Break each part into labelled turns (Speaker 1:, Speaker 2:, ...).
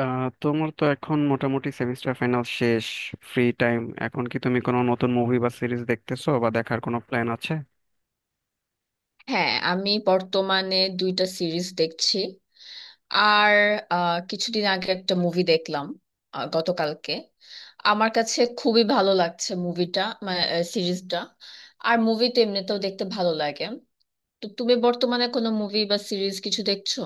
Speaker 1: তোমার তো এখন মোটামুটি সেমিস্টার ফাইনাল শেষ। ফ্রি টাইম এখন কি তুমি কোনো নতুন মুভি বা সিরিজ দেখতেছো বা দেখার কোনো প্ল্যান আছে?
Speaker 2: হ্যাঁ, আমি বর্তমানে দুইটা সিরিজ দেখছি। আর কিছুদিন আগে একটা মুভি দেখলাম। গতকালকে আমার কাছে খুবই ভালো লাগছে মুভিটা, মানে সিরিজটা। আর মুভি তো এমনিতেও দেখতে ভালো লাগে। তো তুমি বর্তমানে কোনো মুভি বা সিরিজ কিছু দেখছো?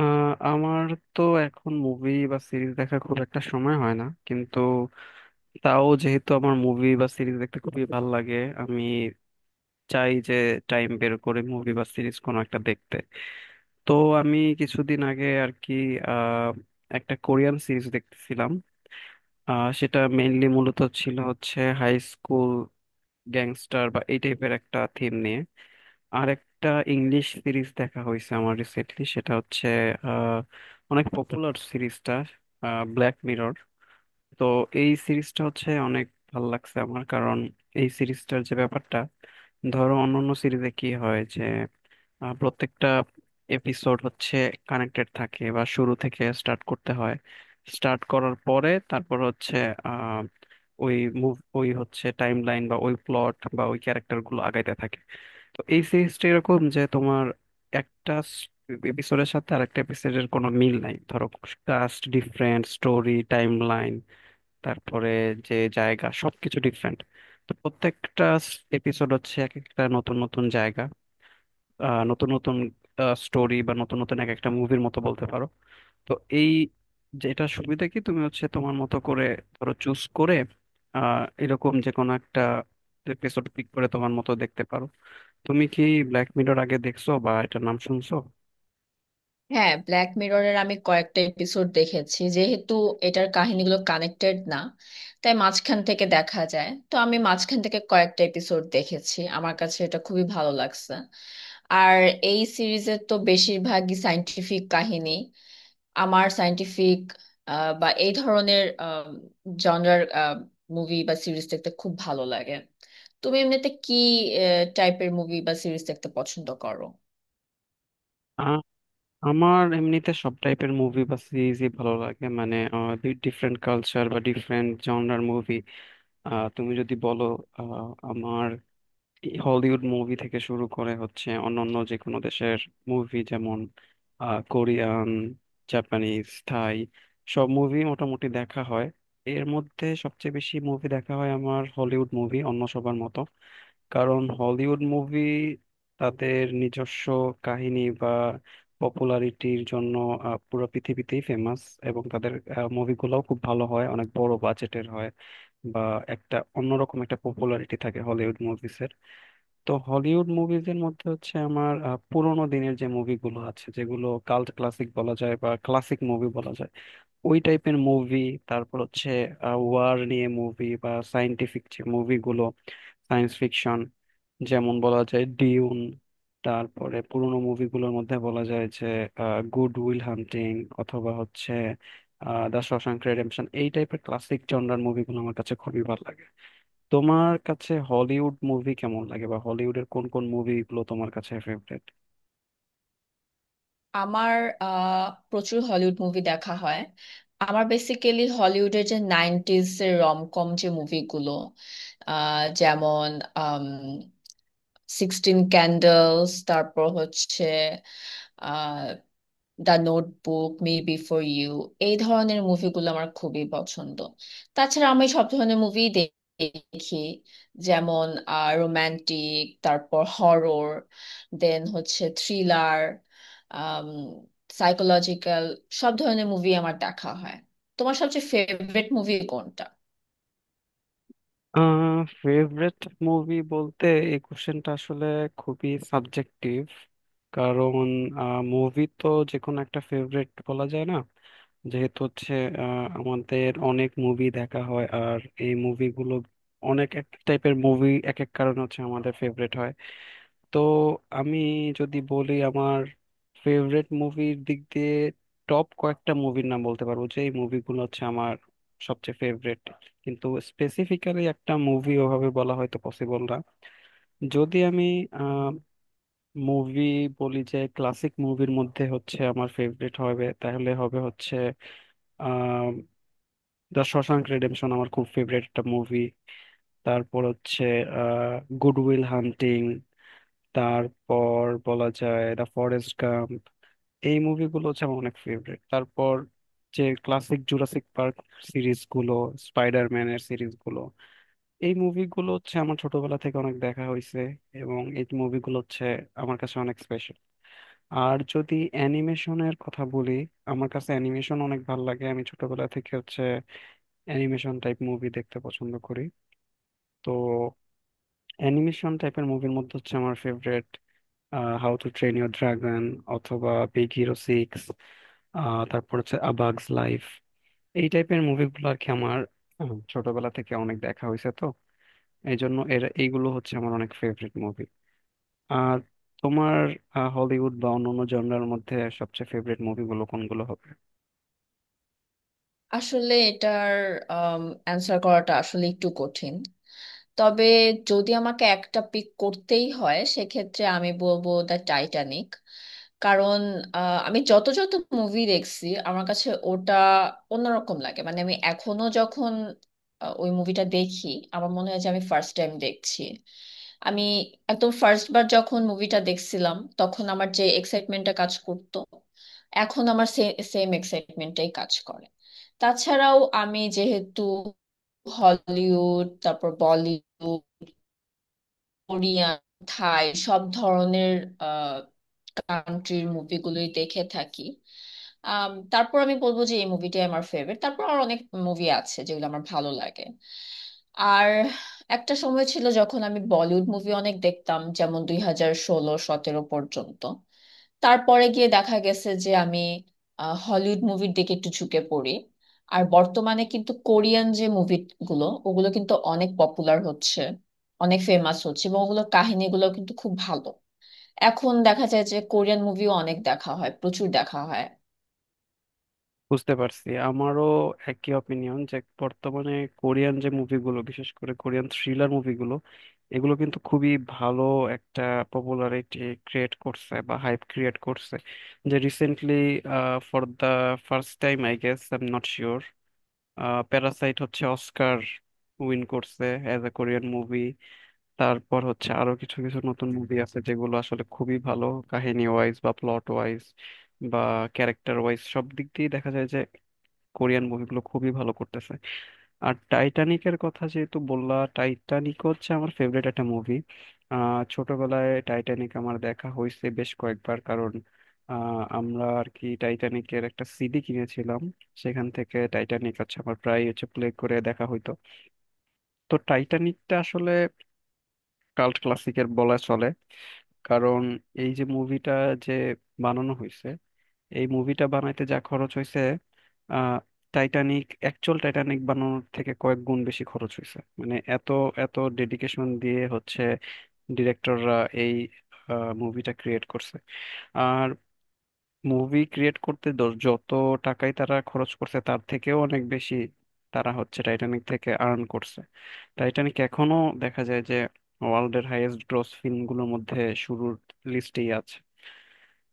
Speaker 1: আমার তো এখন মুভি বা সিরিজ দেখা খুব একটা সময় হয় না, কিন্তু তাও যেহেতু আমার মুভি বা সিরিজ দেখতে খুবই ভালো লাগে, আমি চাই যে টাইম বের করে মুভি বা সিরিজ কোনো একটা দেখতে। তো আমি কিছুদিন আগে আর কি আহ একটা কোরিয়ান সিরিজ দেখতেছিলাম। সেটা মেইনলি মূলত ছিল হচ্ছে হাই স্কুল গ্যাংস্টার বা এই টাইপের একটা থিম নিয়ে। আর একটা ইংলিশ সিরিজ দেখা হয়েছে আমার রিসেন্টলি, সেটা হচ্ছে আহ, অনেক পপুলার সিরিজটা, ব্ল্যাক মিরর। তো এই সিরিজটা হচ্ছে অনেক ভাল লাগছে আমার, কারণ এই সিরিজটার যে ব্যাপারটা, ধরো অন্যান্য সিরিজে কি হয় যে প্রত্যেকটা এপিসোড হচ্ছে কানেক্টেড থাকে বা শুরু থেকে স্টার্ট করতে হয়। স্টার্ট করার পরে তারপর হচ্ছে আহ, ওই মুভ ওই হচ্ছে টাইম লাইন বা ওই প্লট বা ওই ক্যারেক্টার গুলো আগাইতে থাকে। তো এই সিরিজটা এরকম যে তোমার একটা এপিসোডের সাথে আরেকটা এপিসোডের কোনো মিল নাই ধরো। Cast different, story time line, তারপরে যে জায়গা, সবকিছু ডিফারেন্ট। তো প্রত্যেকটা এপিসোড হচ্ছে এক একটা নতুন নতুন জায়গা, নতুন নতুন স্টোরি, বা নতুন নতুন এক একটা মুভির মতো বলতে পারো। তো এই, যেটা সুবিধা কি তুমি হচ্ছে তোমার মতো করে ধরো চুজ করে, এরকম যে কোনো একটা এপিসোড পিক করে তোমার মতো দেখতে পারো। তুমি কি ব্ল্যাক মিরর আগে দেখছো বা এটার নাম শুনছো?
Speaker 2: হ্যাঁ, ব্ল্যাক মিররের আমি কয়েকটা এপিসোড দেখেছি। যেহেতু এটার কাহিনীগুলো কানেক্টেড না, তাই মাঝখান থেকে দেখা যায়, তো আমি মাঝখান থেকে কয়েকটা এপিসোড দেখেছি। আমার কাছে এটা খুবই ভালো লাগছে। আর এই সিরিজের তো বেশিরভাগই সায়েন্টিফিক কাহিনী। আমার সায়েন্টিফিক বা এই ধরনের জনরার মুভি বা সিরিজ দেখতে খুব ভালো লাগে। তুমি এমনিতে কি টাইপের মুভি বা সিরিজ দেখতে পছন্দ করো?
Speaker 1: আ- আমার এমনিতে সব টাইপের মুভি বা সিরিজই ভালো লাগে, মানে ডিফারেন্ট কালচার বা ডিফারেন্ট জনরার মুভি, তুমি যদি বলো আমার হলিউড মুভি থেকে শুরু করে হচ্ছে অন্যান্য যে কোনো দেশের মুভি, যেমন কোরিয়ান, জাপানিজ, থাই, সব মুভি মোটামুটি দেখা হয়। এর মধ্যে সবচেয়ে বেশি মুভি দেখা হয় আমার হলিউড মুভি, অন্য সবার মতো। কারণ হলিউড মুভি তাদের নিজস্ব কাহিনী বা পপুলারিটির জন্য পুরো পৃথিবীতেই ফেমাস। এবং তাদের মুভিগুলোও খুব ভালো হয়, অনেক বড় বাজেটের হয়, বা একটা অন্যরকম একটা পপুলারিটি থাকে হলিউড মুভিস। তো হলিউড মুভিজের মধ্যে হচ্ছে আমার পুরোনো দিনের যে মুভিগুলো আছে, যেগুলো কাল্ট ক্লাসিক বলা যায় বা ক্লাসিক মুভি বলা যায়, ওই টাইপের মুভি। তারপর হচ্ছে ওয়ার নিয়ে মুভি বা সায়েন্টিফিক যে মুভিগুলো, সায়েন্স ফিকশন, যেমন বলা যায় ডিউন। তারপরে পুরোনো মুভিগুলোর মধ্যে বলা যায় যে গুড উইল হান্টিং অথবা হচ্ছে দ্য শশাঙ্ক রেডেম্পশন, এই টাইপের ক্লাসিক জনরার মুভিগুলো আমার কাছে খুবই ভালো লাগে। তোমার কাছে হলিউড মুভি কেমন লাগে বা হলিউডের কোন কোন মুভিগুলো তোমার কাছে ফেভারিট?
Speaker 2: আমার আহ, প্রচুর হলিউড মুভি দেখা হয়। আমার বেসিক্যালি হলিউডের যে নাইনটিজ এর রমকম যে মুভিগুলো, যেমন সিক্সটিন ক্যান্ডেলস, তারপর হচ্ছে আহ the notebook, me before you, এই ধরনের মুভিগুলো আমার খুবই পছন্দ। তাছাড়া আমি সব ধরনের মুভি দেখি, যেমন রোমান্টিক, তারপর হরর, দেন হচ্ছে থ্রিলার, সাইকোলজিক্যাল, সব ধরনের মুভি আমার দেখা হয়। তোমার সবচেয়ে ফেভারিট মুভি কোনটা?
Speaker 1: ফেভারিট মুভি বলতে এই কোশ্চেনটা আসলে খুবই সাবজেক্টিভ। কারণ মুভি তো যে কোনো একটা ফেভারিট বলা যায় না, যেহেতু হচ্ছে আমাদের অনেক মুভি দেখা হয় আর এই মুভিগুলো অনেক এক টাইপের মুভি এক এক কারণে হচ্ছে আমাদের ফেভারিট হয়। তো আমি যদি বলি আমার ফেভারেট মুভির দিক দিয়ে টপ কয়েকটা মুভির নাম বলতে পারবো যে এই মুভিগুলো হচ্ছে আমার সবচেয়ে ফেভারেট, কিন্তু স্পেসিফিক্যালি একটা মুভি ওভাবে বলা হয়তো পসিবল না। যদি আমি মুভি বলি যে ক্লাসিক মুভির মধ্যে হচ্ছে আমার ফেভারিট হবে, তাহলে হবে হচ্ছে আহ দ্য শশাঙ্ক রেডেম্পশন আমার খুব ফেভারিট একটা মুভি। তারপর হচ্ছে আহ গুড উইল হান্টিং। তারপর বলা যায় দ্য ফরেস্ট গাম্প। এই মুভিগুলো হচ্ছে আমার অনেক ফেভারিট। তারপর যে ক্লাসিক জুরাসিক পার্ক সিরিজ গুলো, স্পাইডারম্যানের সিরিজ গুলো, এই মুভিগুলো হচ্ছে আমার ছোটবেলা থেকে অনেক দেখা হয়েছে এবং এই মুভিগুলো হচ্ছে আমার কাছে অনেক স্পেশাল। আর যদি অ্যানিমেশনের কথা বলি, আমার কাছে অ্যানিমেশন অনেক ভালো লাগে, আমি ছোটবেলা থেকে হচ্ছে অ্যানিমেশন টাইপ মুভি দেখতে পছন্দ করি। তো অ্যানিমেশন টাইপের মুভির মধ্যে হচ্ছে আমার favourite how to train your dragon অথবা বিগ হিরো সিক্স। তারপর হচ্ছে আবাগস লাইফ, এই টাইপের মুভিগুলো আর কি আমার ছোটবেলা থেকে অনেক দেখা হয়েছে। তো এই জন্য এর এইগুলো হচ্ছে আমার অনেক ফেভারিট মুভি। আর তোমার হলিউড বা অন্যান্য জনরার মধ্যে সবচেয়ে ফেভারিট মুভিগুলো কোনগুলো হবে?
Speaker 2: আসলে এটার অ্যান্সার করাটা আসলে একটু কঠিন। তবে যদি আমাকে একটা পিক করতেই হয় সেক্ষেত্রে আমি বলবো দ্য টাইটানিক। কারণ আমি যত যত মুভি দেখছি আমার কাছে ওটা অন্যরকম লাগে। মানে আমি এখনো যখন ওই মুভিটা দেখি আমার মনে হয় যে আমি ফার্স্ট টাইম দেখছি। আমি একদম ফার্স্ট বার যখন মুভিটা দেখছিলাম তখন আমার যে এক্সাইটমেন্টটা কাজ করতো, এখন আমার সেম এক্সাইটমেন্টটাই কাজ করে। তাছাড়াও আমি যেহেতু হলিউড, তারপর বলিউড, কোরিয়ান, থাই, সব ধরনের কান্ট্রির মুভিগুলোই দেখে থাকি। তারপর আমি বলবো যে এই মুভিটাই আমার ফেভারিট, তারপর আর অনেক মুভি আছে যেগুলো আমার ভালো লাগে। আর একটা সময় ছিল যখন আমি বলিউড মুভি অনেক দেখতাম, যেমন 2016-17 পর্যন্ত। তারপরে গিয়ে দেখা গেছে যে আমি হলিউড মুভির দিকে একটু ঝুঁকে পড়ি। আর বর্তমানে কিন্তু কোরিয়ান যে মুভিগুলো ওগুলো কিন্তু অনেক পপুলার হচ্ছে, অনেক ফেমাস হচ্ছে, এবং ওগুলোর কাহিনীগুলো কিন্তু খুব ভালো। এখন দেখা যায় যে কোরিয়ান মুভিও অনেক দেখা হয়, প্রচুর দেখা হয়।
Speaker 1: বুঝতে পারছি, আমারও একই অপিনিয়ন যে বর্তমানে কোরিয়ান যে মুভিগুলো, বিশেষ করে কোরিয়ান থ্রিলার মুভিগুলো, এগুলো কিন্তু খুবই ভালো একটা পপুলারিটি ক্রিয়েট করছে বা হাইপ ক্রিয়েট করছে। যে recently for the first time I guess I am not sure, Parasite হচ্ছে অস্কার উইন করছে অ্যাজ এ কোরিয়ান মুভি। তারপর হচ্ছে আরো কিছু কিছু নতুন মুভি আছে যেগুলো আসলে খুবই ভালো কাহিনী ওয়াইজ বা প্লট ওয়াইজ বা ক্যারেক্টার ওয়াইজ, সব দিক দিয়ে দেখা যায় কোরিয়ান মুভিগুলো খুবই ভালো করতেছে। আর টাইটানিকের কথা যেহেতু বললা, টাইটানিক হচ্ছে আমার ফেভারিট একটা মুভি। ছোটবেলায় টাইটানিক আমার দেখা হয়েছে বেশ কয়েকবার, কারণ আমরা আর কি টাইটানিকের একটা সিডি কিনেছিলাম। সেখান থেকে টাইটানিক হচ্ছে আমার প্রায় হচ্ছে প্লে করে দেখা হইতো। তো টাইটানিকটা আসলে কাল্ট ক্লাসিকের বলা চলে, কারণ এই যে মুভিটা যে বানানো হয়েছে, এই মুভিটা বানাইতে যা খরচ হয়েছে, আহ টাইটানিক, অ্যাকচুয়াল টাইটানিক বানানোর থেকে কয়েক গুণ বেশি খরচ হয়েছে। মানে এত এত ডেডিকেশন দিয়ে হচ্ছে ডিরেক্টররা এই মুভিটা ক্রিয়েট করছে। আর মুভি ক্রিয়েট করতে যত টাকাই তারা খরচ করছে তার থেকেও অনেক বেশি তারা হচ্ছে টাইটানিক থেকে আর্ন করছে। টাইটানিক এখনো দেখা যায় যে ওয়ার্ল্ডের হাইয়েস্ট গ্রস ফিল্মগুলোর মধ্যে শুরুর লিস্টেই আছে।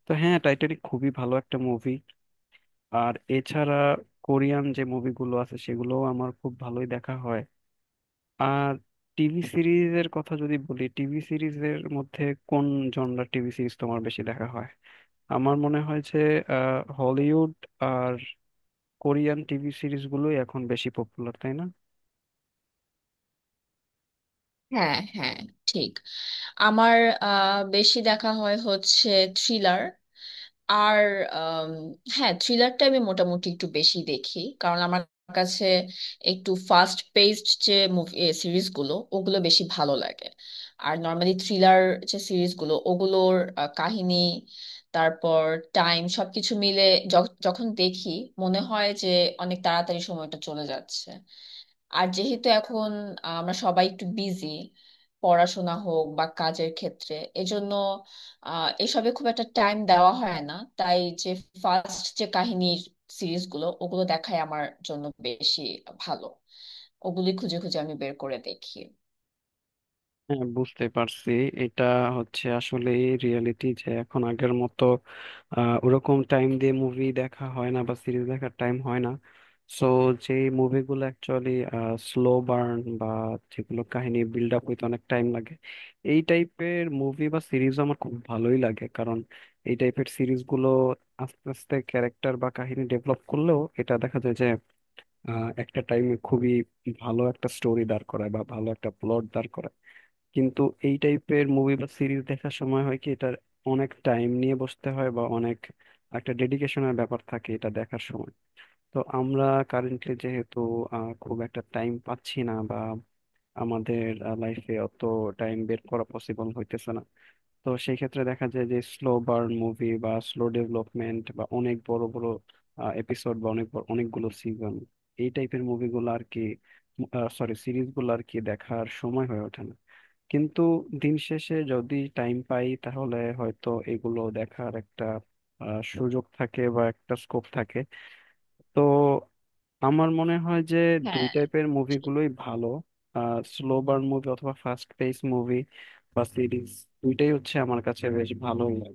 Speaker 1: তো হ্যাঁ, টাইটানিক খুবই ভালো একটা মুভি। আর এছাড়া কোরিয়ান যে মুভিগুলো আছে সেগুলো আমার খুব ভালোই দেখা হয়। আর টিভি সিরিজের কথা যদি বলি, টিভি সিরিজের মধ্যে কোন জনরার টিভি সিরিজ তোমার বেশি দেখা হয়? আমার মনে হয় যে হলিউড আর কোরিয়ান টিভি সিরিজগুলোই এখন বেশি পপুলার, তাই না?
Speaker 2: হ্যাঁ, হ্যাঁ, ঠিক। আমার বেশি দেখা হয় হচ্ছে থ্রিলার। আর আম, হ্যাঁ, থ্রিলারটা আমি মোটামুটি একটু বেশি দেখি, কারণ আমার কাছে একটু ফাস্ট পেসড যে মুভি সিরিজগুলো ওগুলো বেশি ভালো লাগে। আর নর্মালি থ্রিলার যে সিরিজগুলো ওগুলোর কাহিনী, তারপর টাইম, সবকিছু মিলে যখন দেখি মনে হয় যে অনেক তাড়াতাড়ি সময়টা চলে যাচ্ছে। আর যেহেতু এখন আমরা সবাই একটু বিজি, পড়াশোনা হোক বা কাজের ক্ষেত্রে, এজন্য এসবে খুব একটা টাইম দেওয়া হয় না। তাই যে ফার্স্ট যে কাহিনীর সিরিজগুলো ওগুলো দেখাই আমার জন্য বেশি ভালো। ওগুলি খুঁজে খুঁজে আমি বের করে দেখি।
Speaker 1: হ্যাঁ, বুঝতে পারছি, এটা হচ্ছে আসলে রিয়েলিটি যে এখন আগের মতো ওরকম টাইম দিয়ে মুভি দেখা হয় না বা সিরিজ দেখার টাইম হয় না। সো যে মুভিগুলো অ্যাকচুয়ালি স্লো বার্ন বা যেগুলো কাহিনী বিল্ড আপ হইতে অনেক টাইম লাগে, এই টাইপের মুভি বা সিরিজ আমার খুব ভালোই লাগে। কারণ এই টাইপের সিরিজগুলো আস্তে আস্তে ক্যারেক্টার বা কাহিনী ডেভেলপ করলেও এটা দেখা যায় যে একটা টাইমে খুবই ভালো একটা স্টোরি দাঁড় করায় বা ভালো একটা প্লট দাঁড় করায়। কিন্তু এই টাইপের মুভি বা সিরিজ দেখার সময় হয় কি, এটার অনেক টাইম নিয়ে বসতে হয় বা অনেক একটা ডেডিকেশনের ব্যাপার থাকে এটা দেখার সময়। তো আমরা কারেন্টলি যেহেতু খুব একটা টাইম পাচ্ছি না বা আমাদের লাইফে অত টাইম বের করা পসিবল হইতেছে না, তো সেই ক্ষেত্রে দেখা যায় যে স্লো বার্ন মুভি বা স্লো ডেভেলপমেন্ট বা অনেক বড় বড় এপিসোড বা অনেকগুলো সিজন, এই টাইপের মুভিগুলো আর কি, সরি, সিরিজগুলো আর কি দেখার সময় হয়ে ওঠে না। কিন্তু দিন শেষে যদি টাইম পাই তাহলে হয়তো এগুলো দেখার একটা সুযোগ থাকে বা একটা স্কোপ থাকে। তো আমার মনে হয় যে দুই
Speaker 2: হ্যাঁ।
Speaker 1: টাইপের মুভিগুলোই ভালো, স্লো বার্ন মুভি অথবা ফাস্ট পেস মুভি বা সিরিজ, দুইটাই হচ্ছে আমার কাছে বেশ ভালো লাগে।